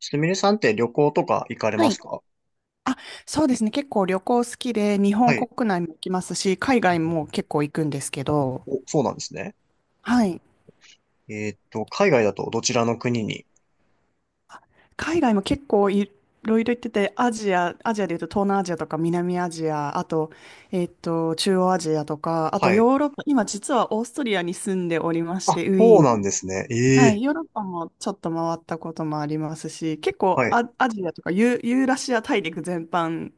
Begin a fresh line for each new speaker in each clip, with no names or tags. すみれさんって旅行とか行かれ
は
ます
い。
か？
あ、そうですね。結構旅行好きで、日
は
本
い。
国内も行きますし、海外も結構行くんですけど、
お、そうなんですね。
はい。
海外だとどちらの国に？
あ、海外も結構いろいろ行ってて、アジアでいうと東南アジアとか南アジア、あと、中央アジアとか、あと
はい。
ヨーロッパ、今実はオーストリアに住んでおりまし
あ、
て、ウ
そ
ィー
う
ン
なんで
に。
すね。え
はい。
え、
ヨーロッパもちょっと回ったこともありますし、結構
はい。
アジアとかユーラシア大陸全般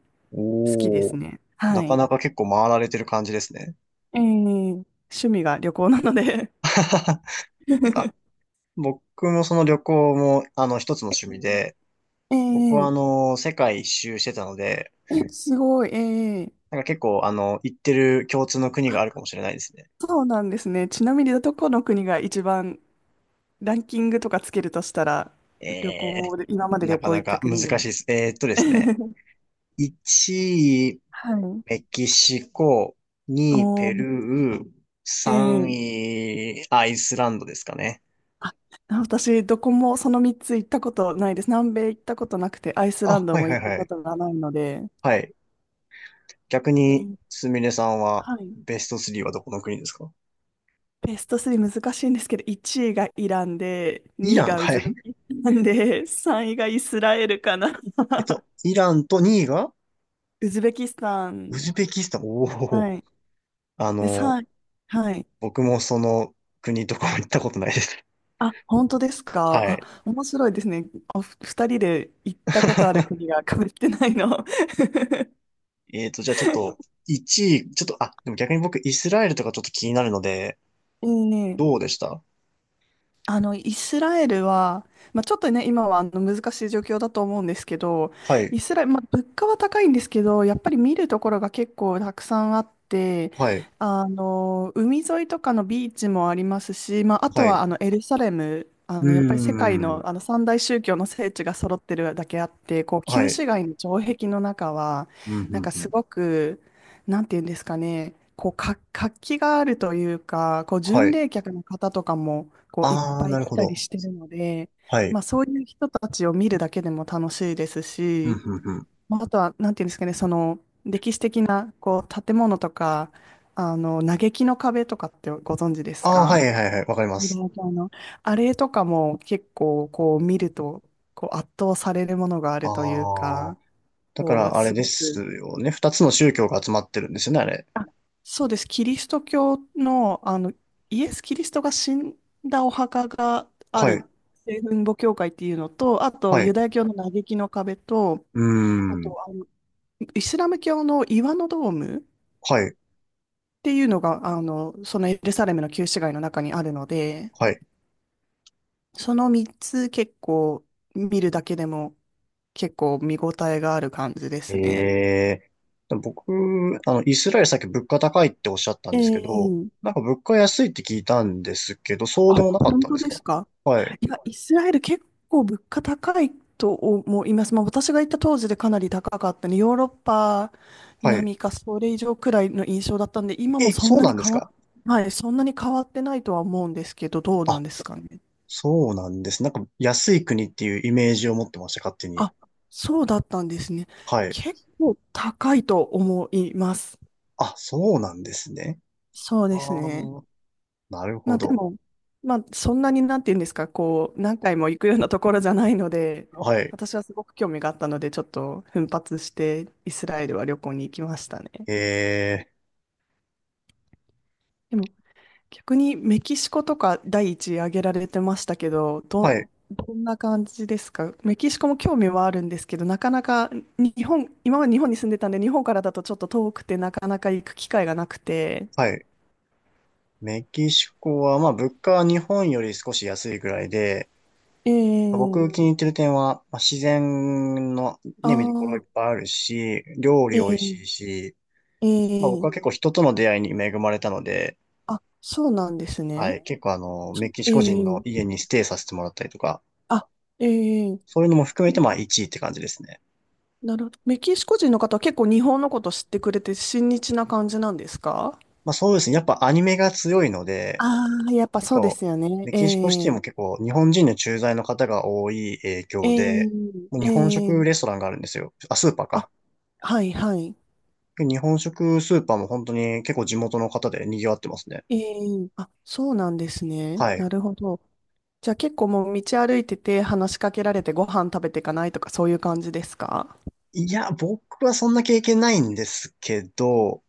好きで
お
す
ー。
ね。
な
は
か
い。
なか結構回られてる感じですね。
ええ、趣味が旅行なので
なんか、僕もその旅行も、一つの趣味で、
え
僕は
え、
世界一周してたので、
え、すごい、ええ、
なんか結構、行ってる共通の国が
あ、
あるかもしれないですね。
そうなんですね。ちなみにどこの国が一番ランキングとかつけるとしたら、
え
旅
え、
行で、今まで
な
旅
か
行
な
行った
か難
国
し
で。
いです。1位、
はい。
メキシコ、2、
お
ペル
ー、
ー、
え
3
え、
位、アイスランドですかね。
あ、私、どこもその3つ行ったことないです。南米行ったことなくて、アイスラ
あ、
ンド
はい
も
は
行
い
った
は
こ
い。
とがないので。
はい。逆に、
ええ、
すみれさんは、
はい。
ベスト3はどこの国ですか？
ベスト3難しいんですけど、1位がイランで、
イ
2位
ラン、
がウ
は
ズベ
い。
キスタンで、3位がイスラエルかな。
えっと、イランと2位が、
ウズベキスタン。
ウズベキスタン。おお。
はい。
あ
で、
の、
3、はい。
僕もその国とかも行ったことないです。
あ、本当です か。
は
あ、
い。
面白いですね。お、2人で行ったことある国 が被ってないの。
えっと、じゃあちょっと、1位、ちょっと、あ、でも逆に僕、イスラエルとかちょっと気になるので、
ええ、
どうでした？
あの、イスラエルは、まあ、ちょっとね、今はあの難しい状況だと思うんですけど、
はい、
イスラエル、まあ、物価は高いんですけど、やっぱり見るところが結構たくさんあって、
はい、
あの、海沿いとかのビーチもありますし、まあ、あと
は
は
い。
あのエルサレム、あ
うー
の、やっぱり世界の、
ん。
あの三大宗教の聖地が揃ってるだけあって、こう
は
旧
い。
市街の城壁の中は、
うん、う
なん
ん、
か
う
す
ん。
ごく、なんていうんですかね、こう、活気があるというか、こう、
は
巡
い。
礼客の方とかも、こう、いっ
あー、
ぱい
なる
来
ほ
たり
ど。
してるので、
はい。
まあ、そういう人たちを見るだけでも楽しいです
うん、
し、
うん、うん。
まあ、あとは、なんていうんですかね、その、歴史的な、こう、建物とか、あの、嘆きの壁とかってご存知です
ああ、は
か？
いはいはい、わかりま
ユダ
す。
ヤ教のあれとかも結構、こう、見ると、こう、圧倒されるものがあ
あ
るという
あ、
か、
だか
こう、
らあれ
す
で
ご
す
く、
よね。二つの宗教が集まってるんですよね、あれ。
あ、そうです。キリスト教の、あの、イエス・キリストが死んだお墓があ
はい、
る、聖墳墓教会っていうのと、あと、
は
ユ
い、
ダヤ教の嘆きの壁と、
うー
あ
ん。
と、あの、イスラム教の岩のドームっ
はい、
ていうのが、あの、そのエルサレムの旧市街の中にあるので、
はい。
その3つ結構見るだけでも結構見応えがある感じで
え
すね。
え。でも僕、あの、イスラエルさっき物価高いっておっしゃったん
え
ですけど、
え、
なんか物価安いって聞いたんですけど、そう
あ、
でもなかっ
本
たん
当
です
で
か？
すか？
はい、
いや、イスラエル結構物価高いと思います。まあ、私が行った当時でかなり高かったね。ヨーロッパ
はい。
並みかそれ以上くらいの印象だったんで、今も
え、
そん
そう
な
な
に
んです
変わっ、
か？
はい、そんなに変わってないとは思うんですけど、どうな
あ、
んですかね。
そうなんです。なんか安い国っていうイメージを持ってました、勝手に。
あ、そうだったんですね。
はい。
結構高いと思います。
あ、そうなんですね。
そう
あ
ですね。
あ、なる
まあ
ほ
で
ど。
も、まあそんなになんて言うんですか、こう、何回も行くようなところじゃないので、
はい。
私はすごく興味があったので、ちょっと奮発してイスラエルは旅行に行きましたね。
え
でも逆にメキシコとか第一位挙げられてましたけど、
ー、
ど、
はい、
どんな感じですか？メキシコも興味はあるんですけど、なかなか日本、今まで日本に住んでたんで、日本からだとちょっと遠くてなかなか行く機会がなくて。
はい。メキシコは、まあ、物価は日本より少し安いぐらいで、
え
僕
え、
気に入ってる点は、まあ、自然の
あ
ね、見どころい
あ、
っぱいあるし、料理
え
美味しい
え、
し、まあ、僕は
ええ、
結構人との出会いに恵まれたので、
あ、そうなんです
は
ね。
い。結構あの、
そ、
メキシ
え
コ人の
え、
家にステイさせてもらったりとか、
あ、ええ、
そういうのも含めて、
メ
まあ1位って感じですね。
なるほど。メキシコ人の方は結構日本のこと知ってくれて親日な感じなんですか？
まあそうですね。やっぱアニメが強いので、
ああー、やっぱ
結
そうで
構、
すよね。
メ
え
キシコシティも
え、
結構日本人の駐在の方が多い影響で、
え
もう
え、
日本
え
食
え、
レストランがあるんですよ。あ、スーパーか。
あ、はいはい。
で日本食スーパーも本当に結構地元の方で賑わってますね。
ええ、あ、そうなんですね。
はい。
なるほど。じゃあ結構もう道歩いてて話しかけられてご飯食べていかないとかそういう感じですか？
いや、僕はそんな経験ないんですけど、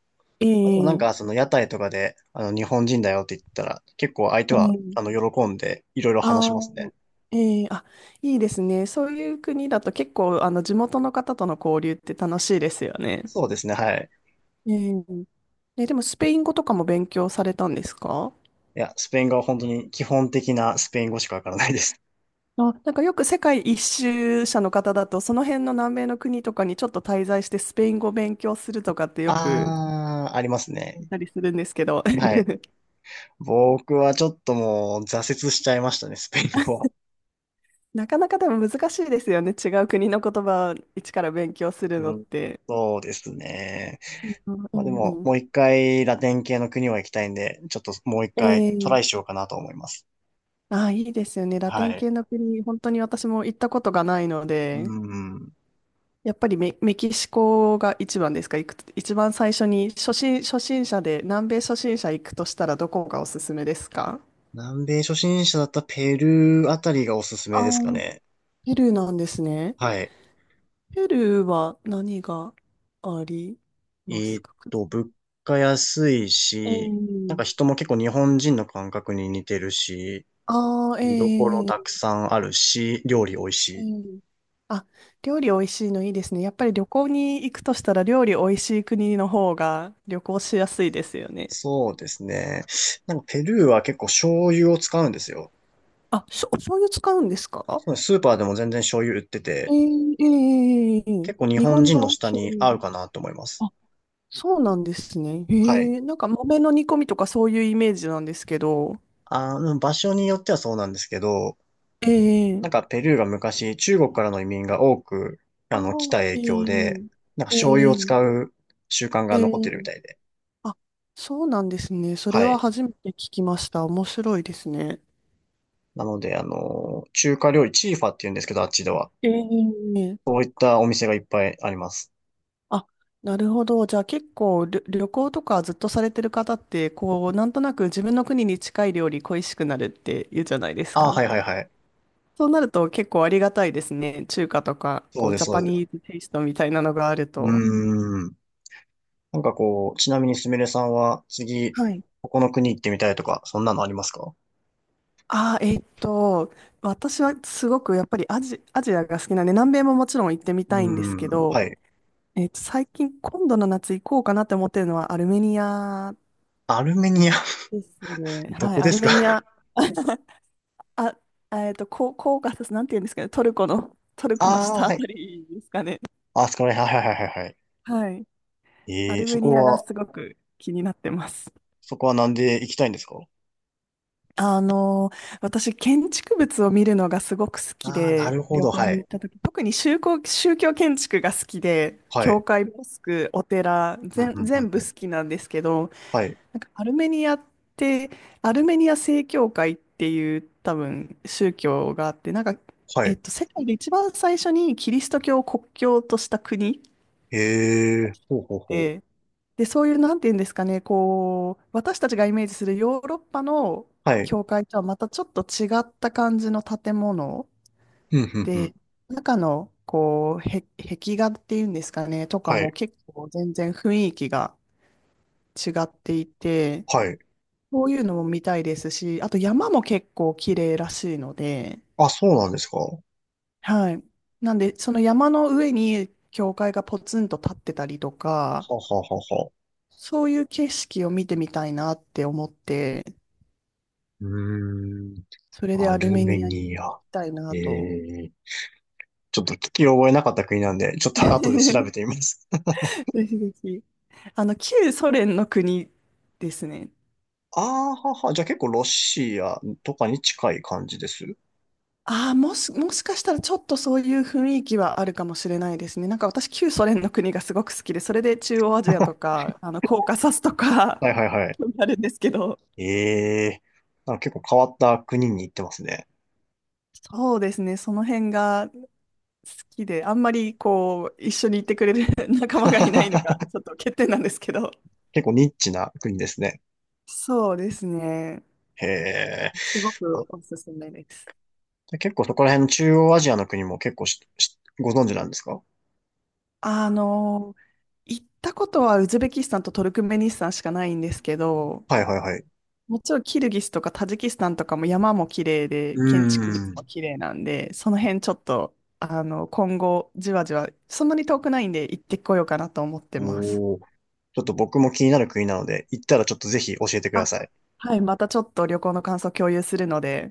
まあ、でもなん
え
か
え、
その屋台とかで、あの日本人だよって言ったら、結構相手は
え
あの
え、
喜んでいろいろ
あ
話しますね。
ー、ええ、あ、いいですね。そういう国だと結構、あの、地元の方との交流って楽しいですよね。
そうですね、はい。
ええ、え、でも、スペイン語とかも勉強されたんですか？
いや、スペイン語は本当に基本的なスペイン語しかわからないです。
あ、なんかよく世界一周者の方だと、その辺の南米の国とかにちょっと滞在してスペイン語を勉強するとかってよく
あー、あります
言
ね。
ったりするんですけど、
はい。僕はちょっともう挫折しちゃいましたね、スペイン語は。
なかなかでも難しいですよね。違う国の言葉を一から勉強するのっ
うん、
て。
そうですね。
うんう
まあでも、
んうん、
もう一回ラテン系の国は行きたいんで、ちょっともう一回ト
え
ライ
え、
しようかなと思います。
ああ、いいですよね。ラ
は
テン
い。
系の国、本当に私も行ったことがないの
う
で、
ん。
やっぱりメキシコが一番ですか、行く、一番最初に初心者で、南米初心者行くとしたらどこがおすすめですか？
南米初心者だったペルーあたりがおすす
あ
め
あ
ですか
ー、
ね。
ペルーなんですね。
はい。
ペルーは何があり
え
ますか？
物価安い
え
し、なん
え。
か人も結構日本人の感覚に似てるし、
ああ、え
見どころたく
え、
さんあるし、料理美味
え
しい。
え。あ、料理美味しいのいいですね。やっぱり旅行に行くとしたら料理美味しい国の方が旅行しやすいですよね。
そうですね。なんかペルーは結構醤油を使うんですよ。
あ、お醤油使うんですか？
スーパーでも全然醤油売って
ええ、
て、
ええ、ええ、ええ、
結構日
日
本
本
人の
の
舌
醤
に
油。
合うかなと思います。
あ、そうなんですね。
は
え、
い。
えなんか豆の煮込みとかそういうイメージなんですけど。
あの、場所によってはそうなんですけど、
え
なんか
え、
ペルーが昔中国からの移民が多く、あの、来た
ああ、
影響で、
ええ、
なんか醤油を
え
使
え、
う習慣が
え
残ってるみ
え、
たいで。
あ、そうなんですね。それ
は
は
い。
初めて聞きました。面白いですね。
なので、あの、中華料理、チーファって言うんですけど、あっちでは。
ええ、
こういったお店がいっぱいあります。
あ、なるほど。じゃあ結構旅行とかずっとされてる方って、こう、なんとなく自分の国に近い料理恋しくなるって言うじゃないです
ああ、
か。
はいはいはい。
そうなると結構ありがたいですね。中華とか、
そ
こ
う
う、
です、
ジャ
そ
パ
うです。
ニーズテイストみたいなのがある
う
と。
ーん。なんかこう、ちなみにすみれさんは、次、
はい。
ここの国行ってみたいとか、そんなのありますか？
ああ、私はすごくやっぱりアジアが好きなんで、南米ももちろん行ってみ
う
たいんですけ
ーん。
ど、
はい。
最近、今度の夏行こうかなって思ってるのはアルメニア
アルメニア、
ですね。
ど
はい、
こ
ア
で
ル
すか？
メニア、あ、こう、こうが、なんて言うんですかね、トルコの、ト ルコの
ああ、
下あ
は
た
い。
りですかね。
あそこら辺、はいはいはいはいはい。
はい、ア
ええー、
ル
そ
メニ
こ
アが
は、
すごく気になってます。
そこはなんで行きたいんですか？
あの、私、建築物を見るのがすごく好き
ああー、な
で、
るほ
旅
ど、
行
は
に行
い。
った時、特に宗教建築が好きで、
は
教
い。
会、モスク、お寺、
うん、う
全、
ん、うん、
全
う
部
ん。
好きなんですけど、
はい、
なんかアルメニアって、アルメニア正教会っていう多分宗教があって、なんか、
はい。
世界で一番最初にキリスト教を国教とした国
ええー、ほうほうほう。
で、で、そういう、なんていうんですかね、こう、私たちがイメージするヨーロッパの
はい。
教会とはまたちょっと違った感じの建物
うん、うん、うん。
で、中の、こう、壁画っていうんですかね、とか
は
も
い。
結構全然雰囲気が違っていて、
はい。
そういうのも見たいですし、あと山も結構綺麗らしいので、
あ、そうなんですか。は
はい。なんで、その山の上に教会がポツンと立ってたりとか、
ははは。
そういう景色を見てみたいなって思って、
うーん。
それで
ア
アル
ル
メ
メ
ニアに
ニ
行き
ア。
たいな
え
と。
え、ちょっと聞き覚えなかった国なんで、ちょっと 後で調べて みます。
ぜひぜひ。あの、旧ソ連の国ですね。
ああ、はは。じゃあ結構ロシアとかに近い感じです。
ああ、もしかしたらちょっとそういう雰囲気はあるかもしれないですね。なんか私、旧ソ連の国がすごく好きで、それで中 央アジア
は
とか、あの、コーカサスとか、
いはいはい。
興味あるんですけど、
ええ、なんか結構変わった国に行ってますね。
そうですね、その辺が好きで、あんまりこう、一緒に行ってくれる 仲間がいないのが、ちょっと欠点なんですけど、
結構ニッチな国ですね。
そうですね、
へえ。
すご
あ、
くおすすめです。
で結構そこら辺の中央アジアの国も結構ししご存知なんですか？
あの、行ったことはウズベキスタンとトルクメニスタンしかないんですけど、
はいはいはい。
もちろんキルギスとかタジキスタンとかも山も綺麗で、
う
建築物
ー
も
ん。
綺麗なんで、その辺ちょっと、あの、今後じわじわ、そんなに遠くないんで行ってこようかなと思ってます。
おお。ちょっと僕も気になる国なので、行ったらちょっとぜひ教えてくだ
あ、
さい。
はい、またちょっと旅行の感想共有するので、